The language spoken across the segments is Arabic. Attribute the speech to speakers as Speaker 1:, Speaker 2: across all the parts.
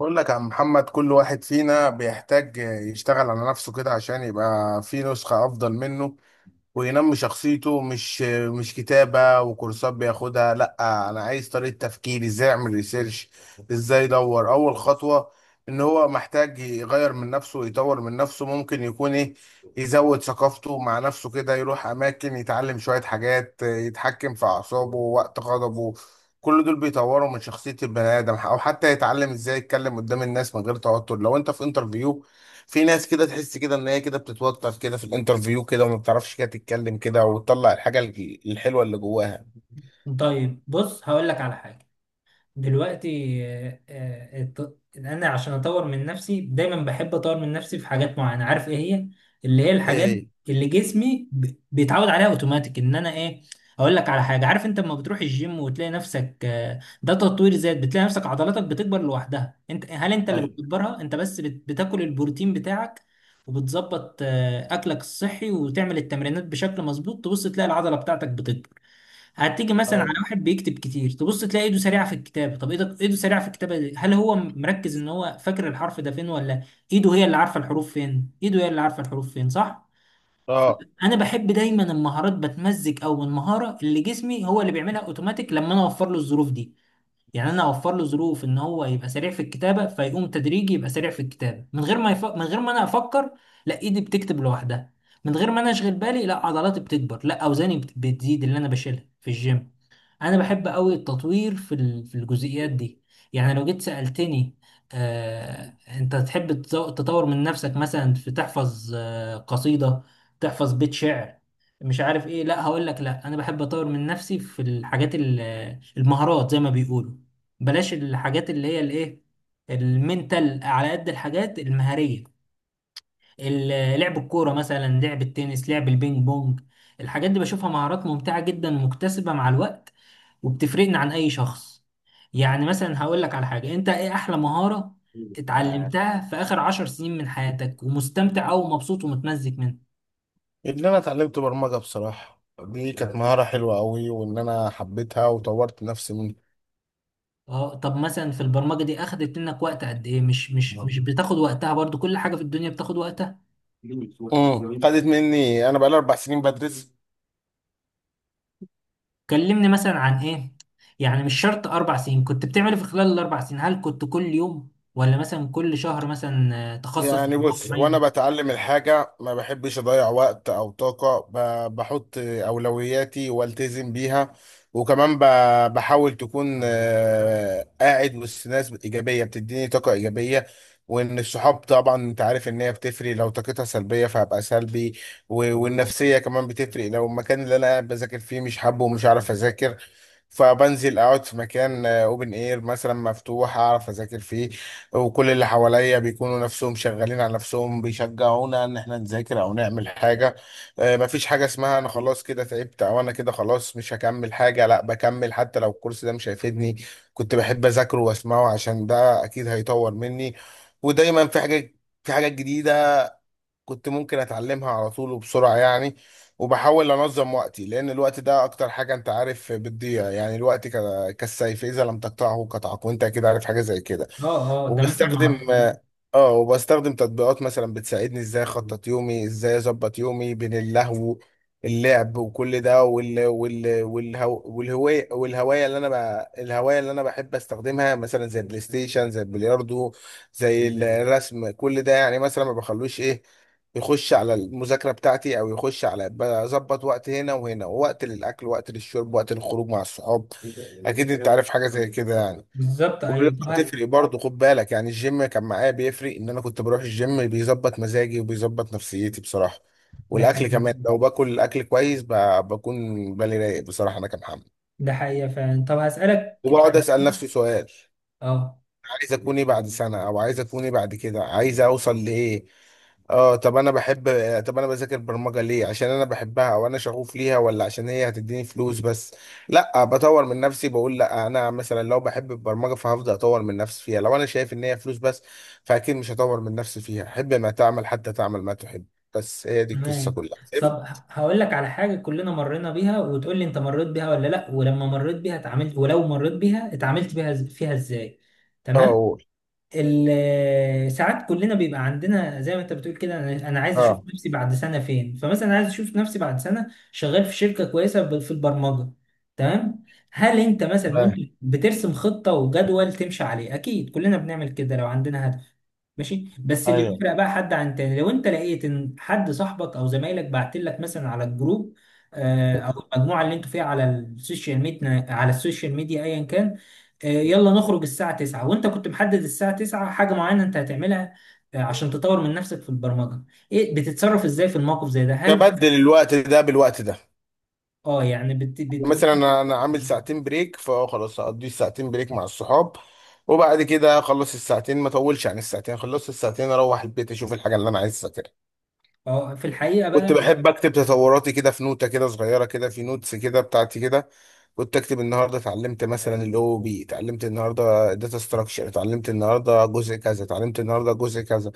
Speaker 1: بقول لك يا عم محمد، كل واحد فينا بيحتاج يشتغل على نفسه كده عشان يبقى في نسخة أفضل منه وينمي شخصيته. مش كتابة وكورسات بياخدها، لا. انا عايز طريقة تفكير، ازاي اعمل ريسيرش، ازاي ادور اول خطوة. ان هو محتاج يغير من نفسه ويطور من نفسه ممكن يكون ايه؟ يزود ثقافته مع نفسه كده، يروح اماكن يتعلم شوية حاجات، يتحكم في اعصابه وقت غضبه. كل دول بيطوروا من شخصية البني آدم. أو حتى يتعلم إزاي يتكلم قدام الناس من غير توتر، لو أنت في انترفيو. في ناس كده تحس كده ان هي كده بتتوتر كده في الانترفيو كده، وما بتعرفش كده تتكلم كده وتطلع الحاجه الحلوه اللي جواها.
Speaker 2: طيب بص هقول لك على حاجة دلوقتي. أنا عشان أطور من نفسي دايما بحب أطور من نفسي في حاجات معينة، عارف إيه هي؟ اللي هي الحاجات
Speaker 1: ايه؟
Speaker 2: اللي بيتعود عليها أوتوماتيك، إن أنا إيه. أقول لك على حاجة، عارف أنت لما بتروح الجيم وتلاقي نفسك، ده تطوير ذات، بتلاقي نفسك عضلاتك بتكبر لوحدها. أنت هل أنت اللي
Speaker 1: ايوه.
Speaker 2: بتكبرها؟ أنت بس بتاكل البروتين بتاعك وبتظبط أكلك الصحي وتعمل التمرينات بشكل مظبوط، تبص تلاقي العضلة بتاعتك بتكبر. هتيجي مثلا
Speaker 1: ايوه.
Speaker 2: على واحد بيكتب كتير، تبص تلاقي ايده سريعه في الكتابه. طب ايده، ايده سريعه في الكتابه دي، هل هو مركز ان هو فاكر الحرف ده فين، ولا ايده هي اللي عارفه الحروف فين؟ ايده هي اللي عارفه الحروف فين، صح.
Speaker 1: اه.
Speaker 2: انا بحب دايما المهارات بتمزج او المهاره اللي جسمي هو اللي بيعملها اوتوماتيك لما انا اوفر له الظروف دي. يعني انا اوفر له ظروف ان هو يبقى سريع في الكتابه، فيقوم تدريجي يبقى سريع في الكتابه من غير ما من غير ما انا افكر، لا ايدي بتكتب لوحدها. من غير ما انا اشغل بالي، لا عضلاتي بتكبر، لا اوزاني بتزيد، اللي انا بشيلها في الجيم. انا بحب قوي التطوير في الجزئيات دي. يعني لو جيت سالتني، انت تحب تطور من نفسك مثلا في تحفظ قصيده، تحفظ بيت شعر، مش عارف ايه، لا هقول لك، لا انا بحب اطور من نفسي في المهارات زي ما بيقولوا. بلاش الحاجات اللي هي الايه، المنتال، على قد الحاجات المهاريه. لعب الكوره مثلا، لعب التنس، لعب البينج بونج، الحاجات دي بشوفها مهارات ممتعه جدا، مكتسبه مع الوقت، وبتفرقنا عن اي شخص. يعني مثلا هقول لك على حاجه، انت ايه احلى مهاره اتعلمتها في اخر 10 سنين من حياتك ومستمتع او مبسوط ومتمزج منها؟
Speaker 1: ان انا اتعلمت برمجه بصراحه، دي كانت مهاره حلوه قوي، وان انا حبيتها وطورت نفسي منها.
Speaker 2: اه. طب مثلا في البرمجه دي اخدت منك وقت قد ايه؟ مش بتاخد وقتها؟ برضو كل حاجه في الدنيا بتاخد.
Speaker 1: خدت مني، انا بقالي 4 سنين بدرس.
Speaker 2: كلمني مثلا عن ايه، يعني مش شرط 4 سنين، كنت بتعمل إيه في خلال ال 4 سنين؟ هل كنت كل يوم ولا مثلا كل شهر مثلا تخصص في
Speaker 1: يعني
Speaker 2: موضوع
Speaker 1: بص، وانا
Speaker 2: معين؟
Speaker 1: بتعلم الحاجة ما بحبش اضيع وقت او طاقة، بحط اولوياتي والتزم بيها. وكمان بحاول تكون قاعد وسط ناس ايجابية بتديني طاقة ايجابية. وان الصحاب طبعا، انت عارف ان هي بتفرق، لو طاقتها سلبية فهبقى سلبي. والنفسية كمان بتفرق، لو المكان اللي انا قاعد بذاكر فيه مش حابه ومش عارف اذاكر، فبنزل اقعد في مكان اوبن اير مثلا مفتوح اعرف اذاكر فيه. وكل اللي حواليا بيكونوا نفسهم شغالين على نفسهم، بيشجعونا ان احنا نذاكر او نعمل حاجه. مفيش حاجه اسمها انا خلاص كده تعبت، او انا كده خلاص مش هكمل حاجه. لا، بكمل حتى لو الكورس ده مش هيفيدني، كنت بحب اذاكره واسمعه، عشان ده اكيد هيطور مني. ودايما في حاجه، في حاجات جديده كنت ممكن اتعلمها على طول وبسرعة يعني. وبحاول انظم وقتي، لان الوقت ده اكتر حاجة انت عارف بتضيع يعني. الوقت كالسيف، اذا لم تقطعه قطعك، وانت اكيد عارف حاجة زي كده.
Speaker 2: اه اه، ده مثلا
Speaker 1: وبستخدم،
Speaker 2: معروف.
Speaker 1: اه، وبستخدم تطبيقات مثلا بتساعدني ازاي اخطط يومي، ازاي اظبط يومي بين اللهو، اللعب، وكل ده، والهو، والهوايه اللي انا بقى، الهوايه اللي انا بحب استخدمها مثلا زي البلاي ستيشن، زي البلياردو، زي الرسم، كل ده. يعني مثلا ما بخلوش ايه، يخش على المذاكرة بتاعتي، أو يخش على، بظبط وقت هنا وهنا، ووقت للأكل، ووقت للشرب، وقت للخروج مع الصحاب. أكيد أنت عارف حاجة زي كده يعني.
Speaker 2: بالظبط، ايوه
Speaker 1: والرياضة
Speaker 2: طبعا.
Speaker 1: بتفرق برضه، خد بالك يعني. الجيم كان معايا بيفرق، إن أنا كنت بروح الجيم بيظبط مزاجي وبيظبط نفسيتي بصراحة.
Speaker 2: ده
Speaker 1: والأكل
Speaker 2: حقيقي.
Speaker 1: كمان، لو باكل الأكل كويس بكون بالي رايق بصراحة. أنا كمحمد،
Speaker 2: ده حقيقة فعلا. طب هسألك
Speaker 1: وبقعد
Speaker 2: عن
Speaker 1: أسأل
Speaker 2: حاجة.
Speaker 1: نفسي سؤال:
Speaker 2: اه.
Speaker 1: عايز اكون ايه بعد سنه؟ او عايز اكون ايه بعد كده؟ عايز اوصل لايه؟ اه، طب انا بحب، طب انا بذاكر برمجه ليه؟ عشان انا بحبها او انا شغوف ليها، ولا عشان هي هتديني فلوس بس؟ لا، بطور من نفسي، بقول لا، انا مثلا لو بحب البرمجه فهفضل اطور من نفسي فيها. لو انا شايف ان هي فلوس بس، فاكيد مش هطور من نفسي فيها. حب ما تعمل، حتى تعمل ما تحب. بس هي دي القصه
Speaker 2: تمام.
Speaker 1: كلها.
Speaker 2: طب هقول لك على حاجة كلنا مرينا بيها، وتقول لي انت مريت بيها ولا لا، ولما مريت بيها اتعاملت، ولو مريت بيها اتعاملت بيها فيها ازاي.
Speaker 1: اه،
Speaker 2: تمام.
Speaker 1: قول.
Speaker 2: ساعات كلنا بيبقى عندنا زي ما انت بتقول كده، أنا عايز اشوف
Speaker 1: اه.
Speaker 2: نفسي بعد سنه فين، فمثلا عايز اشوف نفسي بعد سنه شغال في شركه كويسه، في البرمجه. تمام. هل انت مثلا وانت
Speaker 1: اه.
Speaker 2: بترسم خطه وجدول تمشي عليه، اكيد كلنا بنعمل كده لو عندنا هدف، ماشي. بس اللي
Speaker 1: ايوه.
Speaker 2: بيفرق بقى حد عن تاني، لو انت لقيت ان حد صاحبك او زمايلك بعت لك مثلا على الجروب او المجموعه اللي انتوا فيها على السوشيال ميديا على السوشيال ميديا ايا كان، يلا نخرج الساعه 9، وانت كنت محدد الساعه 9 حاجه معينه انت هتعملها عشان تطور من نفسك في البرمجه، ايه بتتصرف ازاي في الموقف زي ده؟ هل
Speaker 1: تبدل الوقت ده بالوقت ده.
Speaker 2: اه يعني بتقول،
Speaker 1: مثلا انا عامل ساعتين بريك، فخلاص هقضي الساعتين بريك مع الصحاب، وبعد كده اخلص الساعتين، ما اطولش عن الساعتين، خلصت الساعتين اروح البيت اشوف الحاجه اللي انا عايز اذاكرها.
Speaker 2: اه. في الحقيقه
Speaker 1: كنت
Speaker 2: بقى،
Speaker 1: بحب اكتب تطوراتي كده في نوتة كده صغيره كده، في نوتس كده بتاعتي كده. كنت اكتب: النهارده اتعلمت مثلا الاو بي، اتعلمت النهارده داتا ستراكشر، اتعلمت النهارده جزء كذا، اتعلمت النهارده جزء كذا.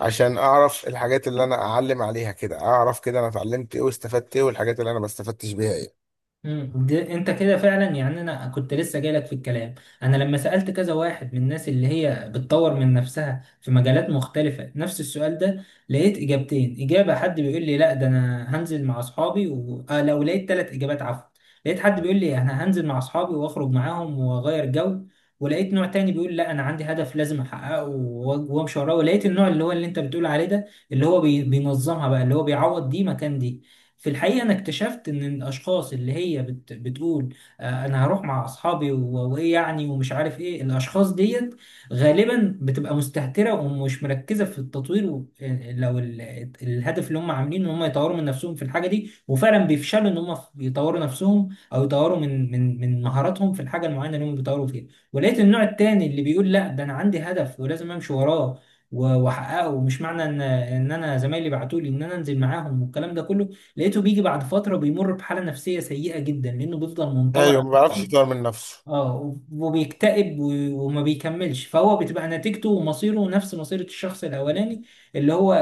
Speaker 1: عشان اعرف الحاجات اللي انا اعلم عليها كده، اعرف كده انا اتعلمت ايه واستفدت ايه، والحاجات اللي انا ما استفدتش بيها ايه.
Speaker 2: ده انت كده فعلا، يعني انا كنت لسه جايلك في الكلام. انا لما سألت كذا واحد من الناس اللي هي بتطور من نفسها في مجالات مختلفة نفس السؤال ده، لقيت اجابتين، اجابة حد بيقول لي لا ده انا هنزل مع اصحابي و... آه لو لقيت 3 اجابات، عفوا. لقيت حد بيقول لي انا هنزل مع اصحابي واخرج معاهم واغير جو، ولقيت نوع تاني بيقول لا انا عندي هدف لازم احققه وامشي وراه، ولقيت النوع اللي هو اللي انت بتقول عليه ده، اللي هو بينظمها بقى، اللي هو بيعوض دي مكان دي. في الحقيقة أنا اكتشفت إن الأشخاص اللي هي بتقول آه أنا هروح مع أصحابي وإيه يعني ومش عارف إيه، الأشخاص ديت غالبا بتبقى مستهترة ومش مركزة في التطوير، لو ال- الهدف اللي هم عاملينه إن هم يطوروا من نفسهم في الحاجة دي، وفعلا بيفشلوا إن هم يطوروا نفسهم أو يطوروا من من مهاراتهم في الحاجة المعينة اللي هم بيطوروا فيها. ولقيت النوع التاني اللي بيقول لا ده أنا عندي هدف ولازم أمشي وراه واحققه، مش معنى ان ان انا زمايلي بعتوا لي ان انا انزل معاهم والكلام ده كله. لقيته بيجي بعد فتره بيمر بحاله نفسيه سيئه جدا لانه بيفضل منطوي
Speaker 1: ايوه،
Speaker 2: على
Speaker 1: ما بعرفش
Speaker 2: نفسه.
Speaker 1: يطور من نفسه.
Speaker 2: اه، وبيكتئب وما بيكملش، فهو بتبقى نتيجته ومصيره نفس مصيرة الشخص الأولاني اللي هو آه،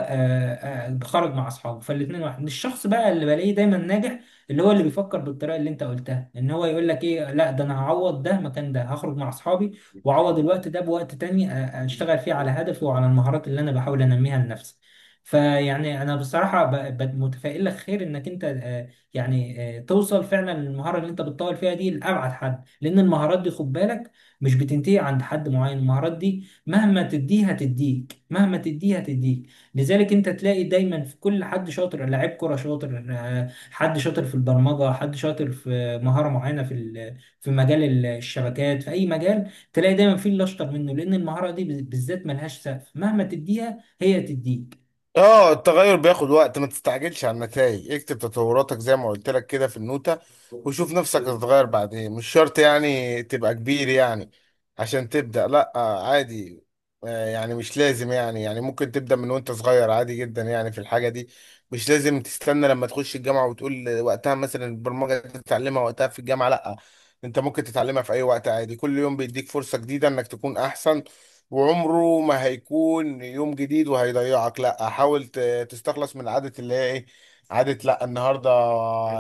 Speaker 2: آه، خرج مع أصحابه. فالاتنين واحد. الشخص بقى اللي بلاقيه دايما ناجح، اللي هو اللي بيفكر بالطريقة اللي أنت قلتها، إن هو يقول لك إيه، لا ده أنا هعوض ده مكان ده، هخرج مع أصحابي وأعوض الوقت ده بوقت تاني أشتغل فيه على هدفي وعلى المهارات اللي أنا بحاول أنميها لنفسي. فيعني أنا بصراحة متفائل لك خير إنك أنت توصل فعلا للمهارة اللي أنت بتطور فيها دي لأبعد حد. لان المهارات دي خد بالك، مش بتنتهي عند حد معين. المهارات دي مهما تديه هتديك، مهما تديه هتديك. لذلك انت تلاقي دايما في كل حد شاطر، لاعب كرة شاطر، حد شاطر في البرمجة، حد شاطر في مهارة معينة في مجال الشبكات، في اي مجال تلاقي دايما في اللي اشطر منه، لان المهارة دي بالذات ملهاش سقف، مهما تديها هي تديك.
Speaker 1: اه، التغير بياخد وقت، ما تستعجلش على النتائج. اكتب تطوراتك زي ما قلت لك كده في النوتة، وشوف نفسك هتتغير بعدين. مش شرط يعني تبقى كبير يعني عشان تبدأ، لا، عادي. يعني مش لازم يعني، يعني ممكن تبدأ من وانت صغير عادي جدا يعني في الحاجة دي. مش لازم تستنى لما تخش الجامعة وتقول وقتها مثلا البرمجة تتعلمها وقتها في الجامعة، لا. انت ممكن تتعلمها في اي وقت عادي، كل يوم بيديك فرصة جديدة انك تكون احسن. وعمره ما هيكون يوم جديد وهيضيعك، لا. حاول تستخلص من عادة اللي هي ايه، عادة لا النهارده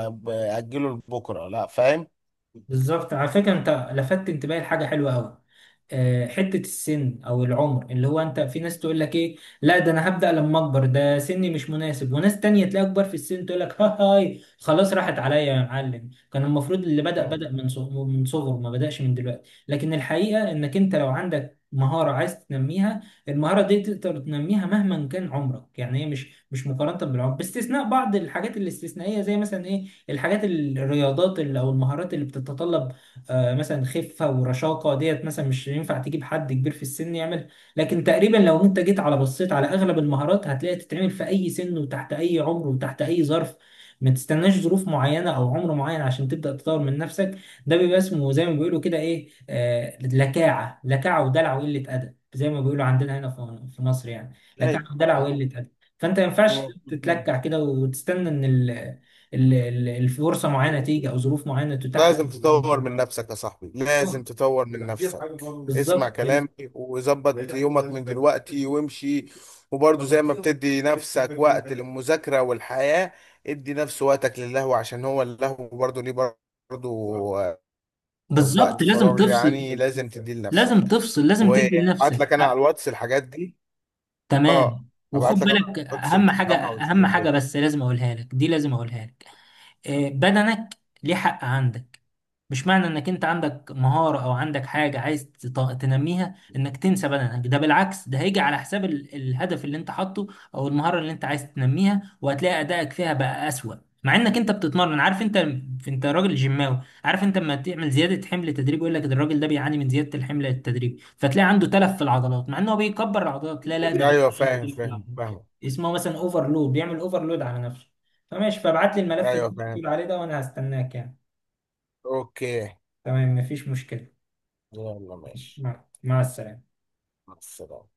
Speaker 1: اجله لبكره، لا، فاهم؟
Speaker 2: بالظبط، على فكرة انت لفتت انتباهي لحاجة حلوة قوي. حتة السن او العمر اللي هو، انت في ناس تقول لك ايه، لا ده انا هبدأ لما اكبر، ده سني مش مناسب. وناس تانية تلاقي اكبر في السن تقول لك ها هاي خلاص راحت عليا يا معلم، كان المفروض اللي بدأ
Speaker 1: مم.
Speaker 2: بدأ من صغره، ما بدأش من دلوقتي. لكن الحقيقة انك انت لو عندك مهارة عايز تنميها، المهارة دي تقدر تنميها مهما كان عمرك، يعني هي مش مقارنة بالعمر، باستثناء بعض الحاجات الاستثنائية زي مثلا ايه، او المهارات اللي بتتطلب مثلا خفه ورشاقه ديت، مثلا مش ينفع تجيب حد كبير في السن يعمل. لكن تقريبا لو انت جيت على بصيت على اغلب المهارات، هتلاقي تتعمل في اي سن وتحت اي عمر وتحت اي ظرف. ما تستناش ظروف معينه او عمر معين عشان تبدا تطور من نفسك. ده بيبقى اسمه زي ما بيقولوا كده ايه، لكاعه، لكاعه ودلع وقله ادب، زي ما بيقولوا عندنا هنا في مصر يعني.
Speaker 1: لا.
Speaker 2: لكاعه ودلع
Speaker 1: م-
Speaker 2: وقله ادب، فانت ما ينفعش
Speaker 1: م-
Speaker 2: تتلكع كده وتستنى ان ال- ال- ال- الفرصه معينه تيجي او ظروف معينه تتاح لك.
Speaker 1: لازم تطور من نفسك يا صاحبي، لازم
Speaker 2: آه،
Speaker 1: تطور من نفسك. اسمع
Speaker 2: بالظبط.
Speaker 1: كلامي، وظبط يومك من دلوقتي وامشي. وبرضه زي ما بتدي نفسك وقت للمذاكرة والحياة، ادي نفس وقتك للهو، عشان هو اللهو برضه ليه، برضه وقت
Speaker 2: بالظبط لازم
Speaker 1: فراغ
Speaker 2: تفصل،
Speaker 1: يعني، لازم تديه لنفسك.
Speaker 2: لازم تفصل، لازم تدي
Speaker 1: وابعت
Speaker 2: لنفسك
Speaker 1: لك انا على
Speaker 2: حق.
Speaker 1: الواتس الحاجات دي. اه،
Speaker 2: تمام، وخد
Speaker 1: ابعت لك انا على
Speaker 2: بالك
Speaker 1: الواتس
Speaker 2: اهم حاجه،
Speaker 1: وتفهمها وتشوف
Speaker 2: اهم حاجه
Speaker 1: الدنيا.
Speaker 2: بس لازم اقولها لك دي، لازم اقولها لك. بدنك ليه حق عندك. مش معنى انك انت عندك مهارة او عندك حاجة عايز تنميها انك تنسى بدنك. ده بالعكس ده هيجي على حساب الهدف اللي انت حاطه او المهارة اللي انت عايز تنميها، وهتلاقي ادائك فيها بقى اسوأ، مع انك انت بتتمرن. عارف انت، انت راجل جيماوي، عارف انت لما تعمل زيادة حمل تدريج، يقول لك ده الراجل ده بيعاني من زيادة الحمل التدريج، فتلاقي عنده تلف في العضلات، مع انه هو بيكبر العضلات، لا ده بيعمل
Speaker 1: ايوه،
Speaker 2: عنده
Speaker 1: فاهم
Speaker 2: تلف في
Speaker 1: فاهم
Speaker 2: العضلات.
Speaker 1: فاهم.
Speaker 2: اسمه مثلا اوفرلود، بيعمل اوفرلود على نفسه. فماشي، فابعت لي الملف اللي
Speaker 1: ايوه
Speaker 2: انت
Speaker 1: فاهم.
Speaker 2: بتقول عليه ده وانا هستناك يعني.
Speaker 1: اوكي.
Speaker 2: تمام، مفيش مشكلة.
Speaker 1: يلا
Speaker 2: ماشي.
Speaker 1: ماشي.
Speaker 2: مع السلامة.
Speaker 1: مع السلامة.